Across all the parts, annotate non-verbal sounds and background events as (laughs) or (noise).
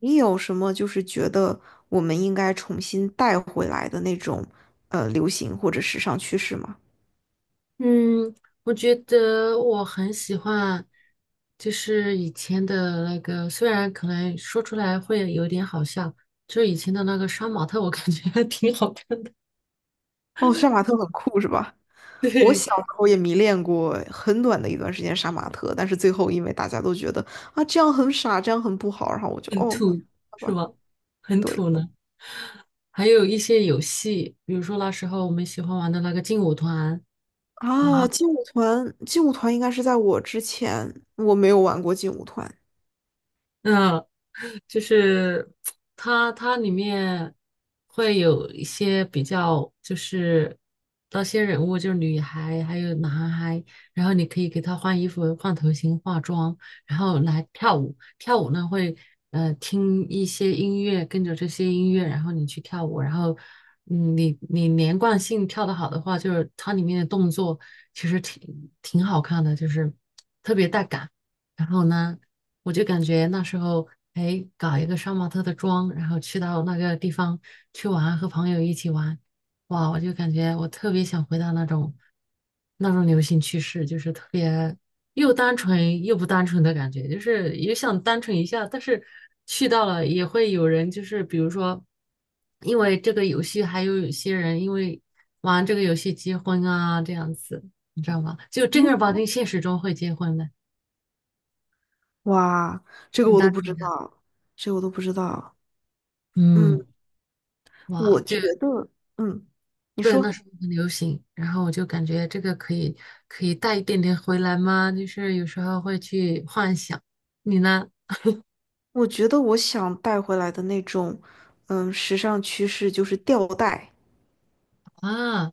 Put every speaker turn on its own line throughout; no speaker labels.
你有什么就是觉得我们应该重新带回来的那种流行或者时尚趋势吗？
嗯，我觉得我很喜欢，就是以前的那个，虽然可能说出来会有点好笑，就是以前的那个杀马特，我感觉还挺好看的。
哦，杀马特很酷是吧？
(laughs)
我
对，
小时候也迷恋过很短的一段时间杀马特，但是最后因为大家都觉得啊这样很傻，这样很不好，然后我就哦，
土
好
是
吧，
吧？很
对
土呢。还有一些游戏，比如说那时候我们喜欢玩的那个劲舞团，然啊
啊，
后。
劲舞团，应该是在我之前，我没有玩过劲舞团，
嗯，就是它里面会有一些比较，就是那些人物就是女孩还有男孩，然后你可以给他换衣服、换头型、化妆，然后来跳舞。跳舞呢会听一些音乐，跟着这些音乐，然后你去跳舞，然后嗯你连贯性跳得好的话，就是它里面的动作其实挺好看的，就是特别带感。然后呢？我就感觉那时候，哎，搞一个杀马特的妆，然后去到那个地方去玩，和朋友一起玩，哇，我就感觉我特别想回到那种流行趋势，就是特别又单纯又不单纯的感觉，就是也想单纯一下，但是去到了也会有人，就是比如说，因为这个游戏，还有有些人因为玩这个游戏结婚啊，这样子，你知道吗？就正儿八经现实中会结婚的，
哇，这个
很
我都
单
不知
纯，
道，这个我都不知道，
嗯。
嗯，
哇，
我
就
觉得，嗯，你
对，那
说。
时候很流行，然后我就感觉这个可以带一点点回来吗？就是有时候会去幻想，你呢？
我觉得我想带回来的那种，嗯，时尚趋势就是吊带，
啊，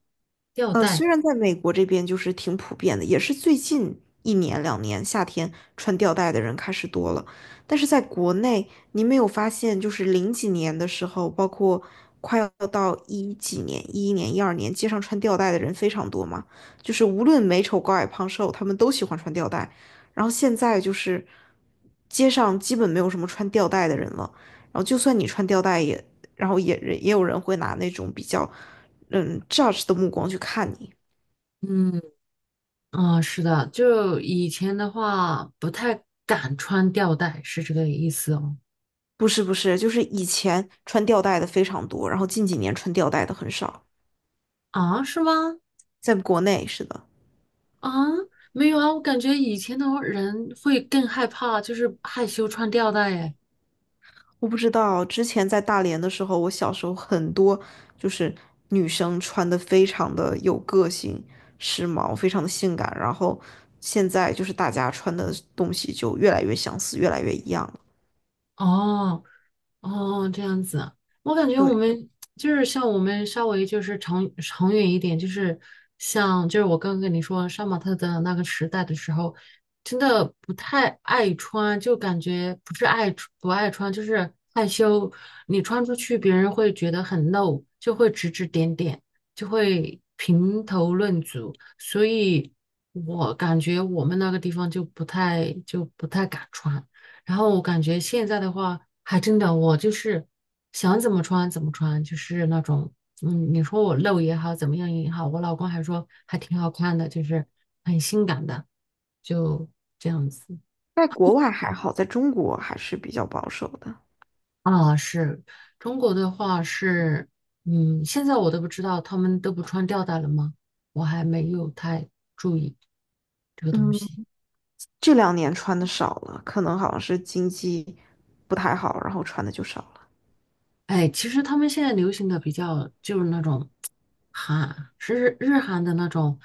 吊带，
虽然在美国这边就是挺普遍的，也是最近一年两年夏天穿吊带的人开始多了，但是在国内，你没有发现就是零几年的时候，包括快要到一几年、一一年、一二年，街上穿吊带的人非常多嘛？就是无论美丑、高矮、胖瘦，他们都喜欢穿吊带。然后现在就是街上基本没有什么穿吊带的人了，然后就算你穿吊带也，然后也有人会拿那种比较。嗯 judge 的目光去看你。
嗯，啊，是的，就以前的话不太敢穿吊带，是这个意思哦。
不是，就是以前穿吊带的非常多，然后近几年穿吊带的很少，
啊，是吗？
在国内是的。
啊，没有啊，我感觉以前的人会更害怕，就是害羞穿吊带，哎。
我不知道，之前在大连的时候，我小时候很多就是女生穿的非常的有个性、时髦，非常的性感，然后现在就是大家穿的东西就越来越相似，越来越一样了。
哦，哦，这样子，我感觉我
对，
们就是像我们稍微就是长长远一点，就是像就是我刚刚跟你说杀马特的那个时代的时候，真的不太爱穿，就感觉不是爱出不爱穿，就是害羞。你穿出去，别人会觉得很露，就会指指点点，就会评头论足。所以我感觉我们那个地方就不太敢穿。然后我感觉现在的话，还真的我就是想怎么穿怎么穿，就是那种，嗯，你说我露也好，怎么样也好，我老公还说还挺好看的，就是很性感的，就这样子
在国外还好，在中国还是比较保守的。
啊。是中国的话是，嗯，现在我都不知道他们都不穿吊带了吗？我还没有太注意这个东
嗯。
西。
这两年穿的少了，可能好像是经济不太好，然后穿的就少了
哎，其实他们现在流行的比较就是那种韩，是日韩的那种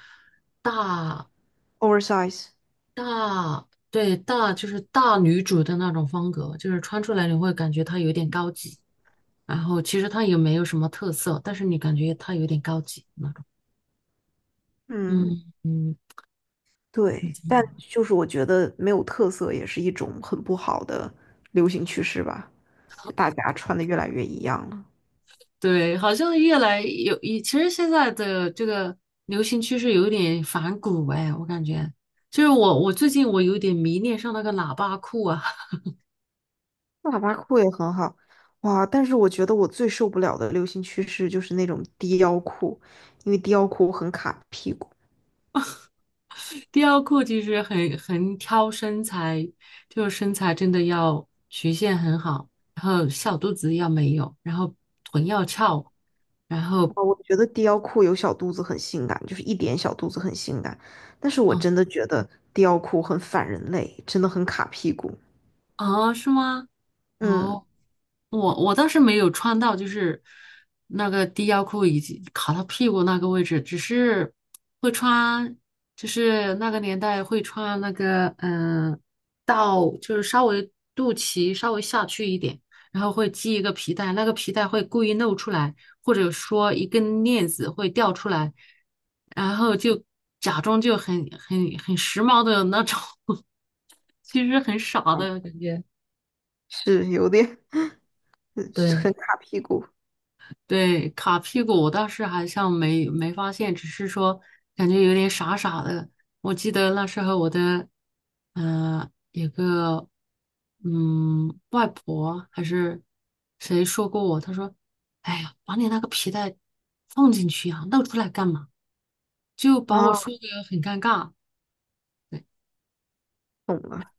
大
，oversize。
大，对，大就是大女主的那种风格，就是穿出来你会感觉她有点高级，然后其实她也没有什么特色，但是你感觉她有点高级那种。
嗯，
嗯嗯，
对，但就是我觉得没有特色也是一种很不好的流行趋势吧，就大家穿的越来越一样了。
对，好像越来有，其实现在的这个流行趋势有点反骨哎，我感觉。就是我最近我有点迷恋上那个喇叭裤啊。
喇叭裤也很好，哇！但是我觉得我最受不了的流行趋势就是那种低腰裤，因为低腰裤很卡屁股。
雕裤其实很挑身材，就是身材真的要曲线很好，然后小肚子要没有，然后臀要翘，然后
啊，我觉得低腰裤有小肚子很性感，就是一点小肚子很性感，但是我
嗯
真的觉得低腰裤很反人类，真的很卡屁股。
啊是吗？
嗯，
哦，我倒是没有穿到，就是那个低腰裤以及卡到屁股那个位置，只是会穿，就是那个年代会穿那个，嗯、到就是稍微肚脐稍微下去一点，然后会系一个皮带，那个皮带会故意露出来，或者说一根链子会掉出来，然后就假装就很时髦的那种，(laughs) 其实很傻的
啊
感觉。
是有点嗯很
对，
卡屁股
对，卡屁股我倒是好像没发现，只是说感觉有点傻傻的。我记得那时候我的，嗯，有个嗯外婆还是谁说过我，她说："哎呀，把你那个皮带放进去呀，露出来干嘛？"就把我
啊，
说的很尴尬。对
懂了，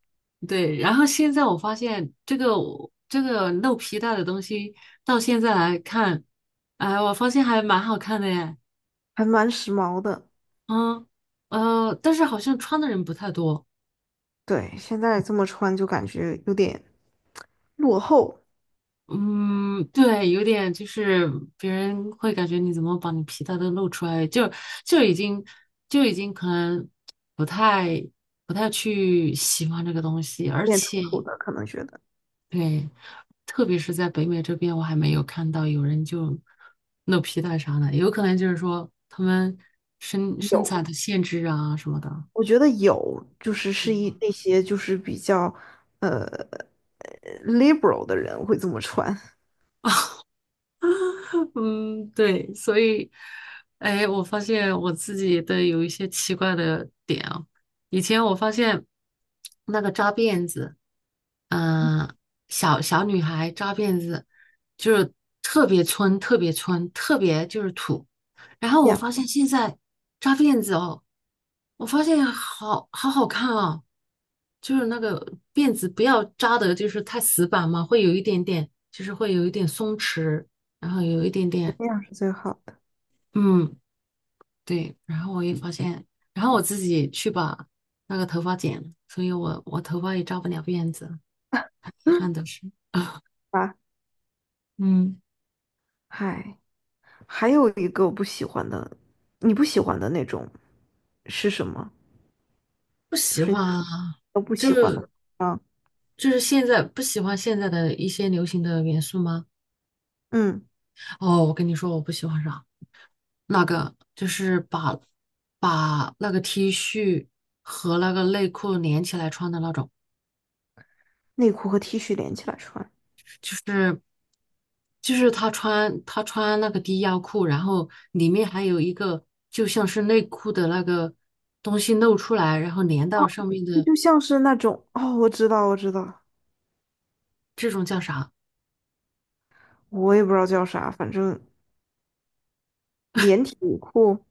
对，然后现在我发现这个露皮带的东西，到现在来看，哎，我发现还蛮好看的耶。
还蛮时髦的。
嗯，但是好像穿的人不太多。
对，现在这么穿就感觉有点落后，
嗯，对，有点就是别人会感觉你怎么把你皮带都露出来，就已经就已经可能不太不太去喜欢这个东西，而
有点土
且
土的，可能觉得
对，特别是在北美这边，我还没有看到有人就露皮带啥的，有可能就是说他们身身
有，
材的限制啊什么的。
我觉得有，就是是一那些就是比较呃呃 liberal 的人会这么穿。
(laughs) 嗯，对，所以，哎，我发现我自己的有一些奇怪的点啊。以前我发现那个扎辫子，嗯、小小女孩扎辫子，就是特别村,特别就是土。然后
(laughs)
我
呀，
发现现在扎辫子哦，我发现好好看啊，就是那个辫子不要扎的，就是太死板嘛，会有一点点，就是会有一点松弛。然后有一点点，
这样是最好。
嗯，对，然后我也发现，然后我自己去把那个头发剪了，所以我头发也扎不了辫子，很遗憾的
(laughs)
是，
啊，
嗯，
嗨，还有一个我不喜欢的，你不喜欢的那种是什么？
不
就
喜
是
欢
你
啊，
都不
就
喜欢的
是
啊，
就是现在不喜欢现在的一些流行的元素吗？
嗯，
哦，我跟你说，我不喜欢啥，那个就是把那个 T 恤和那个内裤连起来穿的那种。
内裤和 T 恤连起来穿，
就是就是他穿那个低腰裤，然后里面还有一个就像是内裤的那个东西露出来，然后连到
哦，
上面
这
的
就像是那种哦，我知道，我知道，
这种叫啥？
我也不知道叫啥，反正连体内裤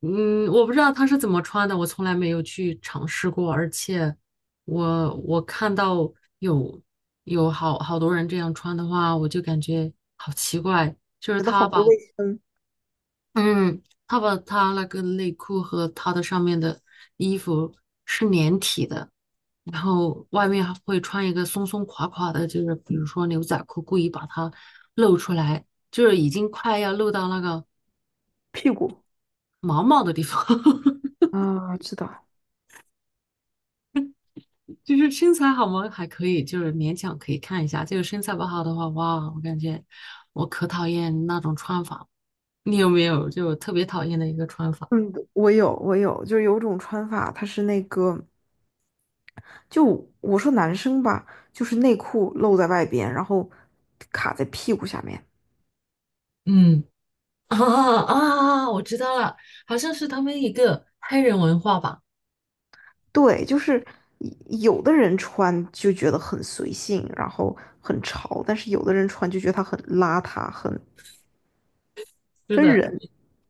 嗯，我不知道他是怎么穿的，我从来没有去尝试过，而且我看到有有好好多人这样穿的话，我就感觉好奇怪，就是
觉得好
他
不
把
卫生，
嗯，他把他那个内裤和他的上面的衣服是连体的，然后外面还会穿一个松松垮垮的，就是比如说牛仔裤，故意把它露出来，就是已经快要露到那个
屁股
毛毛的地方。(laughs)
啊，知道。
就是身材好吗？还可以，就是勉强可以看一下。就是身材不好的话，哇，我感觉我可讨厌那种穿法。你有没有就特别讨厌的一个穿法？
嗯，我有，我有，就是有种穿法，它是那个，就我说男生吧，就是内裤露在外边，然后卡在屁股下面。
嗯。(laughs) 啊啊！我知道了，好像是他们一个黑人文化吧？
对，就是有的人穿就觉得很随性，然后很潮，但是有的人穿就觉得他很邋遢，很
是
分
的，
人。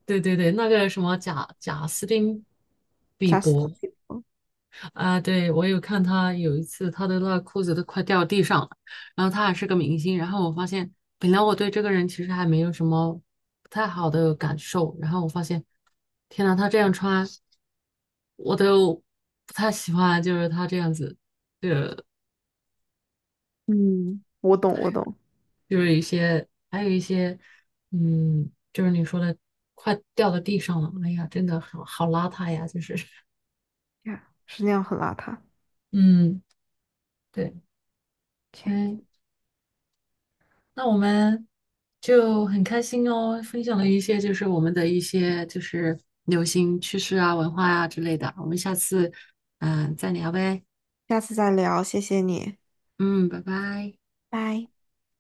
对对对，那个什么贾斯汀比
Just,
伯啊，对我有看他有一次他的那个裤子都快掉地上了，然后他还是个明星，然后我发现本来我对这个人其实还没有什么不太好的感受，然后我发现天呐，他这样穿我都不太喜欢，就是他这样子，
嗯，我懂，我懂
就是一些，还有一些，嗯，就是你说的快掉到地上了，哎呀，真的好好邋遢呀，就是，(laughs)
，yeah, 是那样很邋遢。
嗯，对，
OK,
哎，那我们就很开心哦，分享了一些就是我们的一些就是流行趋势啊、文化啊之类的，我们下次嗯、再聊呗，
下次再聊，谢谢你，
嗯，拜拜。
拜。